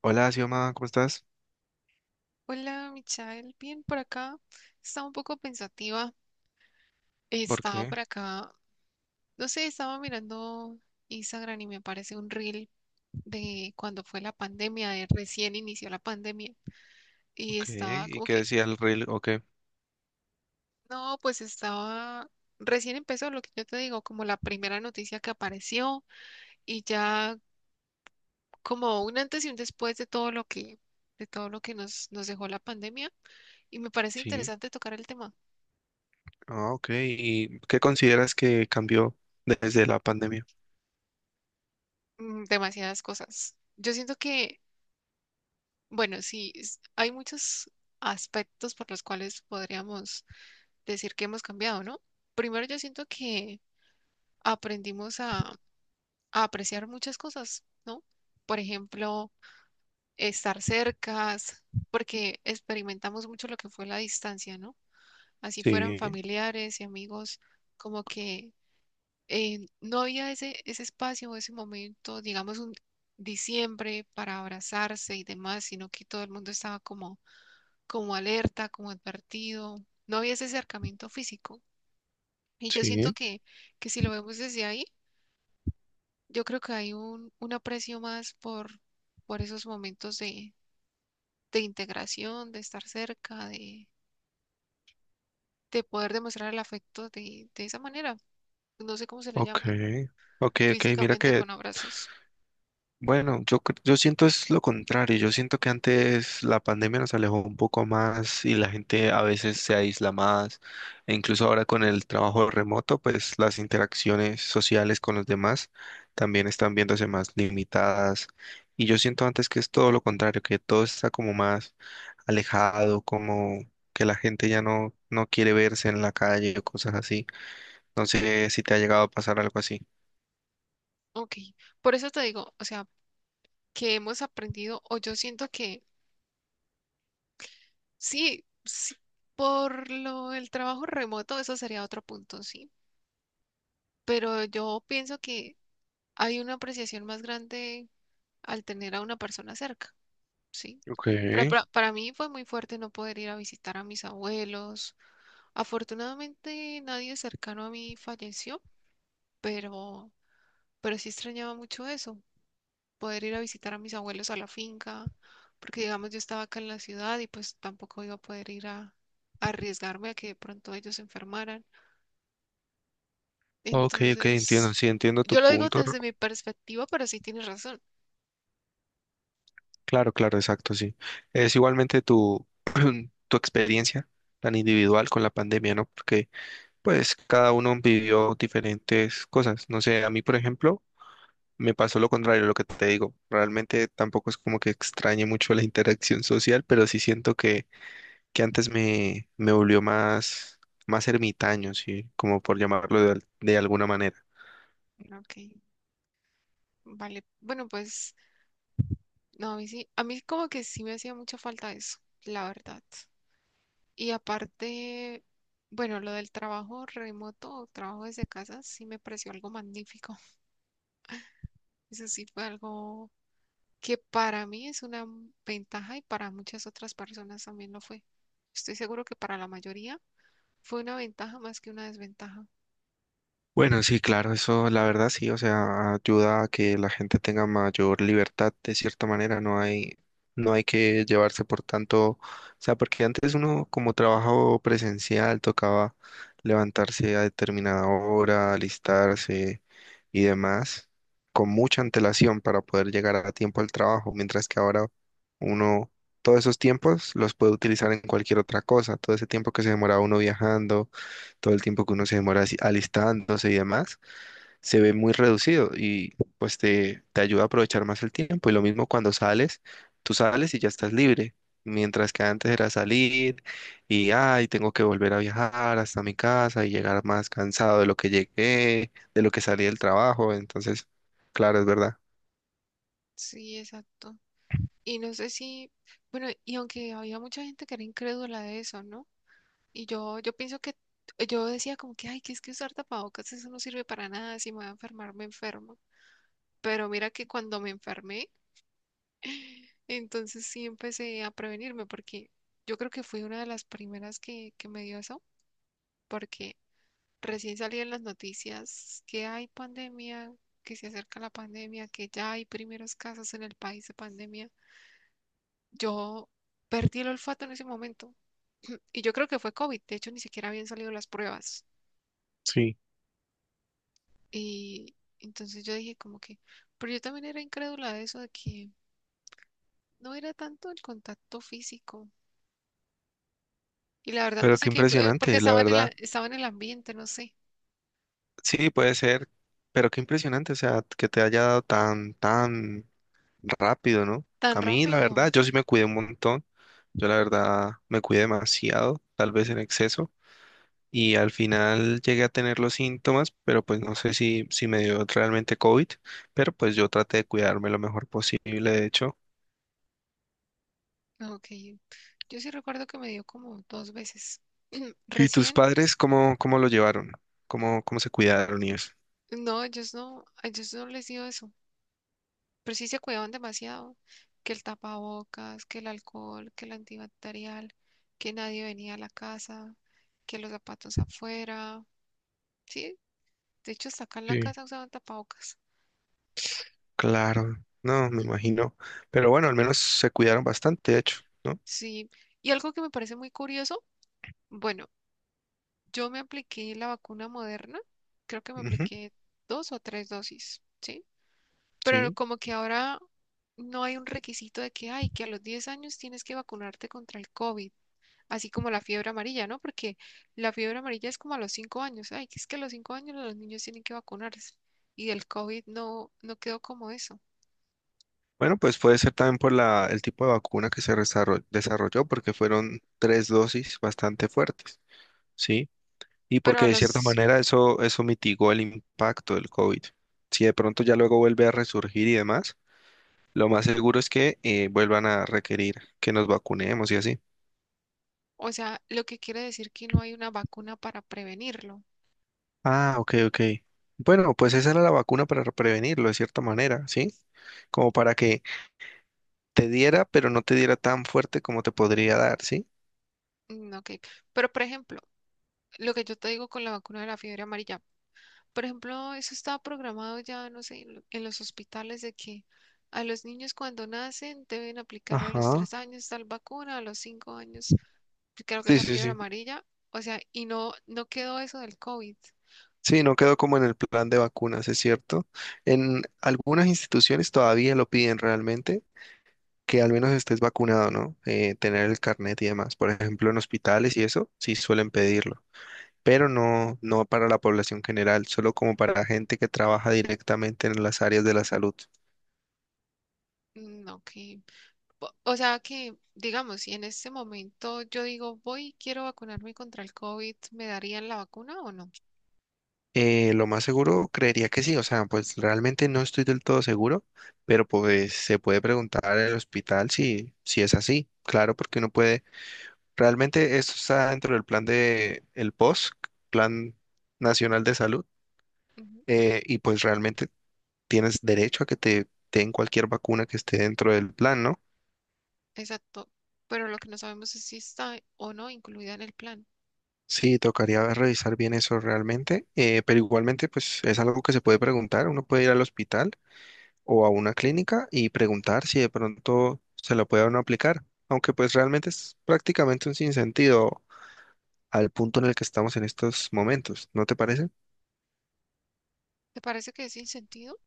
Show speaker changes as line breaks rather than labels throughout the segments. Hola, Xioma, ¿cómo estás?
Hola, Michael. Bien, por acá. Estaba un poco pensativa.
¿Por
Estaba
qué?
por acá. No sé, estaba mirando Instagram y me aparece un reel de cuando fue la pandemia, de recién inició la pandemia. Y
Ok.
estaba
¿Y
como
qué
que,
decía el reel? Ok.
no, pues estaba. Recién empezó lo que yo te digo, como la primera noticia que apareció y ya como un antes y un después de todo lo que, nos dejó la pandemia. Y me parece
Sí.
interesante tocar el tema.
Ah, ok. ¿Y qué consideras que cambió desde la pandemia?
Demasiadas cosas. Yo siento que bueno, sí, hay muchos aspectos por los cuales podríamos decir que hemos cambiado, ¿no? Primero, yo siento que aprendimos a apreciar muchas cosas, ¿no? Por ejemplo, estar cercas, porque experimentamos mucho lo que fue la distancia, ¿no? Así fueran
Sí,
familiares y amigos, como que no había ese espacio, ese momento, digamos, un diciembre para abrazarse y demás, sino que todo el mundo estaba como alerta, como advertido. No había ese acercamiento físico. Y yo siento
sí.
que si lo vemos desde ahí, yo creo que hay un aprecio más por esos momentos de integración, de estar cerca, de poder demostrar el afecto de esa manera. No sé cómo se le
Ok.
llama,
Ok, ok. Mira
físicamente
que
con abrazos.
bueno, yo, yo siento es lo contrario, yo siento que antes la pandemia nos alejó un poco más y la gente a veces se aísla más, e incluso ahora con el trabajo remoto, pues las interacciones sociales con los demás también están viéndose más limitadas y yo siento antes que es todo lo contrario, que todo está como más alejado, como que la gente ya no quiere verse en la calle o cosas así. No sé si te ha llegado a pasar algo así.
Ok, por eso te digo, o sea, que hemos aprendido, o yo siento que sí, sí, por lo el trabajo remoto, eso sería otro punto. Sí, pero yo pienso que hay una apreciación más grande al tener a una persona cerca, ¿sí?
Ok,
Pero para mí fue muy fuerte no poder ir a visitar a mis abuelos. Afortunadamente nadie cercano a mí falleció, pero, pero sí extrañaba mucho eso, poder ir a visitar a mis abuelos a la finca, porque digamos yo estaba acá en la ciudad y pues tampoco iba a poder ir a arriesgarme a que de pronto ellos se enfermaran.
ok, ok, entiendo,
Entonces,
sí, entiendo tu
yo lo digo
punto.
desde mi perspectiva, pero sí tienes razón.
Claro, claro, exacto, sí. Es igualmente tu, tu experiencia tan individual con la pandemia, ¿no? Porque pues cada uno vivió diferentes cosas. No sé, a mí, por ejemplo, me pasó lo contrario, lo que te digo. Realmente tampoco es como que extrañe mucho la interacción social, pero sí siento que antes me volvió más, más ermitaño, sí, como por llamarlo de, de alguna manera.
Ok, vale. Bueno, pues no, a mí sí, a mí como que sí me hacía mucha falta eso, la verdad. Y aparte, bueno, lo del trabajo remoto o trabajo desde casa sí me pareció algo magnífico. Eso sí fue algo que para mí es una ventaja y para muchas otras personas también lo fue. Estoy seguro que para la mayoría fue una ventaja más que una desventaja.
Bueno, sí, claro, eso la verdad sí, o sea, ayuda a que la gente tenga mayor libertad de cierta manera, no hay que llevarse por tanto, o sea, porque antes uno como trabajo presencial tocaba levantarse a determinada hora, alistarse y demás, con mucha antelación para poder llegar a tiempo al trabajo, mientras que ahora uno todos esos tiempos los puede utilizar en cualquier otra cosa, todo ese tiempo que se demoraba uno viajando todo el tiempo que uno se demora así alistándose y demás, se ve muy reducido y pues te ayuda a aprovechar más el tiempo. Y lo mismo cuando sales, tú sales y ya estás libre, mientras que antes era salir y, ay, tengo que volver a viajar hasta mi casa y llegar más cansado de lo que llegué, de lo que salí del trabajo. Entonces, claro, es verdad.
Sí, exacto. Y no sé si, bueno, y aunque había mucha gente que era incrédula de eso, ¿no? Y yo pienso que yo decía como que, ay, que es que usar tapabocas, eso no sirve para nada, si me voy a enfermar, me enfermo. Pero mira que cuando me enfermé, entonces sí empecé a prevenirme, porque yo creo que fui una de las primeras que me dio eso, porque recién salí en las noticias que hay pandemia, que se acerca la pandemia, que ya hay primeros casos en el país de pandemia. Yo perdí el olfato en ese momento, y yo creo que fue COVID, de hecho ni siquiera habían salido las pruebas.
Sí.
Y entonces yo dije como que, pero yo también era incrédula de eso, de que no era tanto el contacto físico. Y la verdad no
Pero
sé
qué
qué, porque
impresionante, la verdad.
estaba en el ambiente, no sé,
Sí, puede ser, pero qué impresionante, o sea, que te haya dado tan, tan rápido, ¿no?
tan
A mí, la
rápido.
verdad, yo sí me cuidé un montón. Yo, la verdad, me cuidé demasiado, tal vez en exceso. Y al final llegué a tener los síntomas, pero pues no sé si, si me dio realmente COVID, pero pues yo traté de cuidarme lo mejor posible, de hecho.
Ok, yo sí recuerdo que me dio como dos veces.
¿Y tus
Recién,
padres cómo, cómo lo llevaron? ¿Cómo, cómo se cuidaron y eso?
no, ellos no, a ellos no les dio eso, pero sí se cuidaban demasiado, que el tapabocas, que el alcohol, que el antibacterial, que nadie venía a la casa, que los zapatos afuera. Sí, de hecho, hasta acá en la
Sí.
casa usaban tapabocas.
Claro, no, me imagino. Pero bueno, al menos se cuidaron bastante, de hecho, ¿no?
Sí. Y algo que me parece muy curioso, bueno, yo me apliqué la vacuna Moderna, creo que me
Ujú,
apliqué dos o tres dosis, ¿sí? Pero
sí.
como que ahora no hay un requisito de que, ay, que a los 10 años tienes que vacunarte contra el COVID, así como la fiebre amarilla, ¿no? Porque la fiebre amarilla es como a los 5 años, ay, que es que a los 5 años los niños tienen que vacunarse. Y del COVID no, no quedó como eso.
Bueno, pues puede ser también por la, el tipo de vacuna que se desarrolló, porque fueron tres dosis bastante fuertes, ¿sí? Y
Pero
porque
a
de cierta
los
manera eso, eso mitigó el impacto del COVID. Si de pronto ya luego vuelve a resurgir y demás, lo más seguro es que vuelvan a requerir que nos vacunemos y así.
O sea, lo que quiere decir que no hay una vacuna para prevenirlo.
Ah, ok, ok. Bueno, pues esa era la vacuna para prevenirlo de cierta manera, ¿sí? Como para que te diera, pero no te diera tan fuerte como te podría dar, ¿sí?
Ok, pero por ejemplo, lo que yo te digo con la vacuna de la fiebre amarilla, por ejemplo, eso está programado ya, no sé, en en los hospitales de que a los niños cuando nacen deben aplicarle a los
Ajá.
3 años tal vacuna, a los 5 años, pues, creo que es
Sí,
la
sí,
fiebre
sí.
amarilla, o sea, y no, no quedó eso del COVID.
Sí, no quedó como en el plan de vacunas, es cierto. En algunas instituciones todavía lo piden realmente, que al menos estés vacunado, ¿no? Tener el carnet y demás. Por ejemplo, en hospitales y eso, sí suelen pedirlo, pero no para la población general, solo como para gente que trabaja directamente en las áreas de la salud.
Ok, o sea que, digamos, si en este momento yo digo, voy, quiero vacunarme contra el COVID, ¿me darían la vacuna o no?
Lo más seguro, creería que sí, o sea, pues realmente no estoy del todo seguro, pero pues se puede preguntar al hospital si, si es así. Claro, porque uno puede realmente esto está dentro del plan de el POS, Plan Nacional de Salud,
Ujú,
y pues realmente tienes derecho a que te den cualquier vacuna que esté dentro del plan, ¿no?
exacto, pero lo que no sabemos es si está o no incluida en el plan.
Sí, tocaría revisar bien eso realmente, pero igualmente pues es algo que se puede preguntar, uno puede ir al hospital o a una clínica y preguntar si de pronto se lo puede a uno aplicar, aunque pues realmente es prácticamente un sinsentido al punto en el que estamos en estos momentos, ¿no te parece?
¿Te parece que es sin sentido?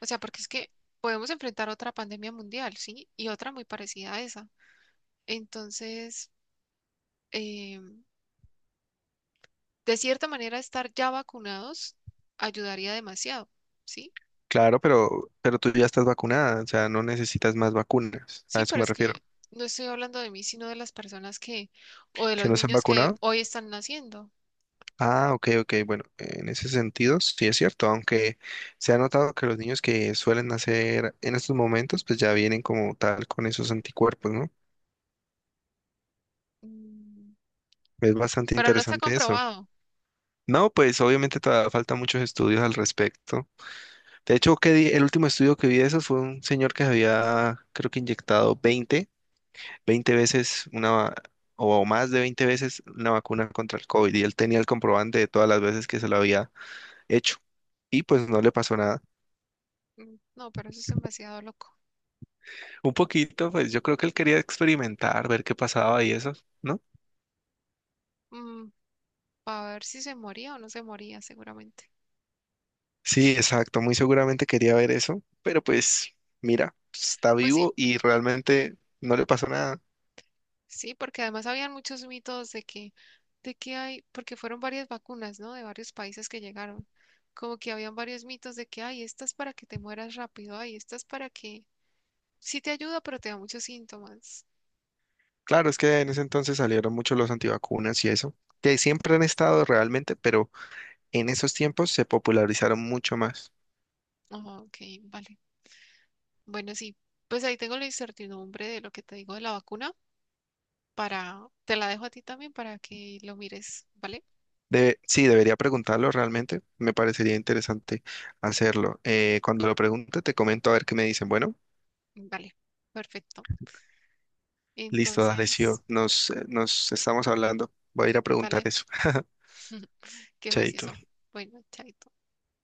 O sea, porque es que podemos enfrentar otra pandemia mundial, ¿sí? Y otra muy parecida a esa. Entonces, eh, de cierta manera, estar ya vacunados ayudaría demasiado, ¿sí?
Claro, pero tú ya estás vacunada, o sea, no necesitas más vacunas,
Sí,
a eso
pero
me
es
refiero.
que no estoy hablando de mí, sino de las personas que, o de
¿Que
los
no se han
niños que
vacunado?
hoy están naciendo.
Ah, ok, ok, bueno, en ese sentido sí es cierto, aunque se ha notado que los niños que suelen nacer en estos momentos, pues ya vienen como tal con esos anticuerpos, ¿no?
Mm,
Es bastante
pero no está
interesante eso.
comprobado.
No, pues obviamente todavía faltan muchos estudios al respecto. De hecho, que el último estudio que vi de eso fue un señor que se había, creo que inyectado 20. 20 veces una, o más de 20 veces una vacuna contra el COVID y él tenía el comprobante de todas las veces que se lo había hecho y pues no le pasó nada.
No, pero eso es demasiado loco.
Un poquito, pues yo creo que él quería experimentar, ver qué pasaba y eso, ¿no?
Mm, para ver si se moría o no se moría seguramente.
Sí, exacto, muy seguramente quería ver eso, pero pues mira, está
Pues sí,
vivo y realmente no le pasó nada.
sí, porque además habían muchos mitos de que hay, porque fueron varias vacunas, ¿no? De varios países que llegaron. Como que habían varios mitos de que, ay, esta es para que te mueras rápido, ay, esta es para que sí te ayuda, pero te da muchos síntomas.
Claro, es que en ese entonces salieron mucho los antivacunas y eso, que siempre han estado realmente, pero en esos tiempos se popularizaron mucho más.
Ah, ok, vale. Bueno, sí, pues ahí tengo la incertidumbre de lo que te digo de la vacuna para, te la dejo a ti también para que lo mires, ¿vale?
Sí, debería preguntarlo realmente. Me parecería interesante hacerlo. Cuando lo pregunte, te comento a ver qué me dicen. Bueno,
Vale, perfecto.
listo, dale, sí,
Entonces,
nos, nos estamos hablando. Voy a ir a preguntar
vale.
eso.
Qué
Chaito.
juicioso. Bueno, chaito.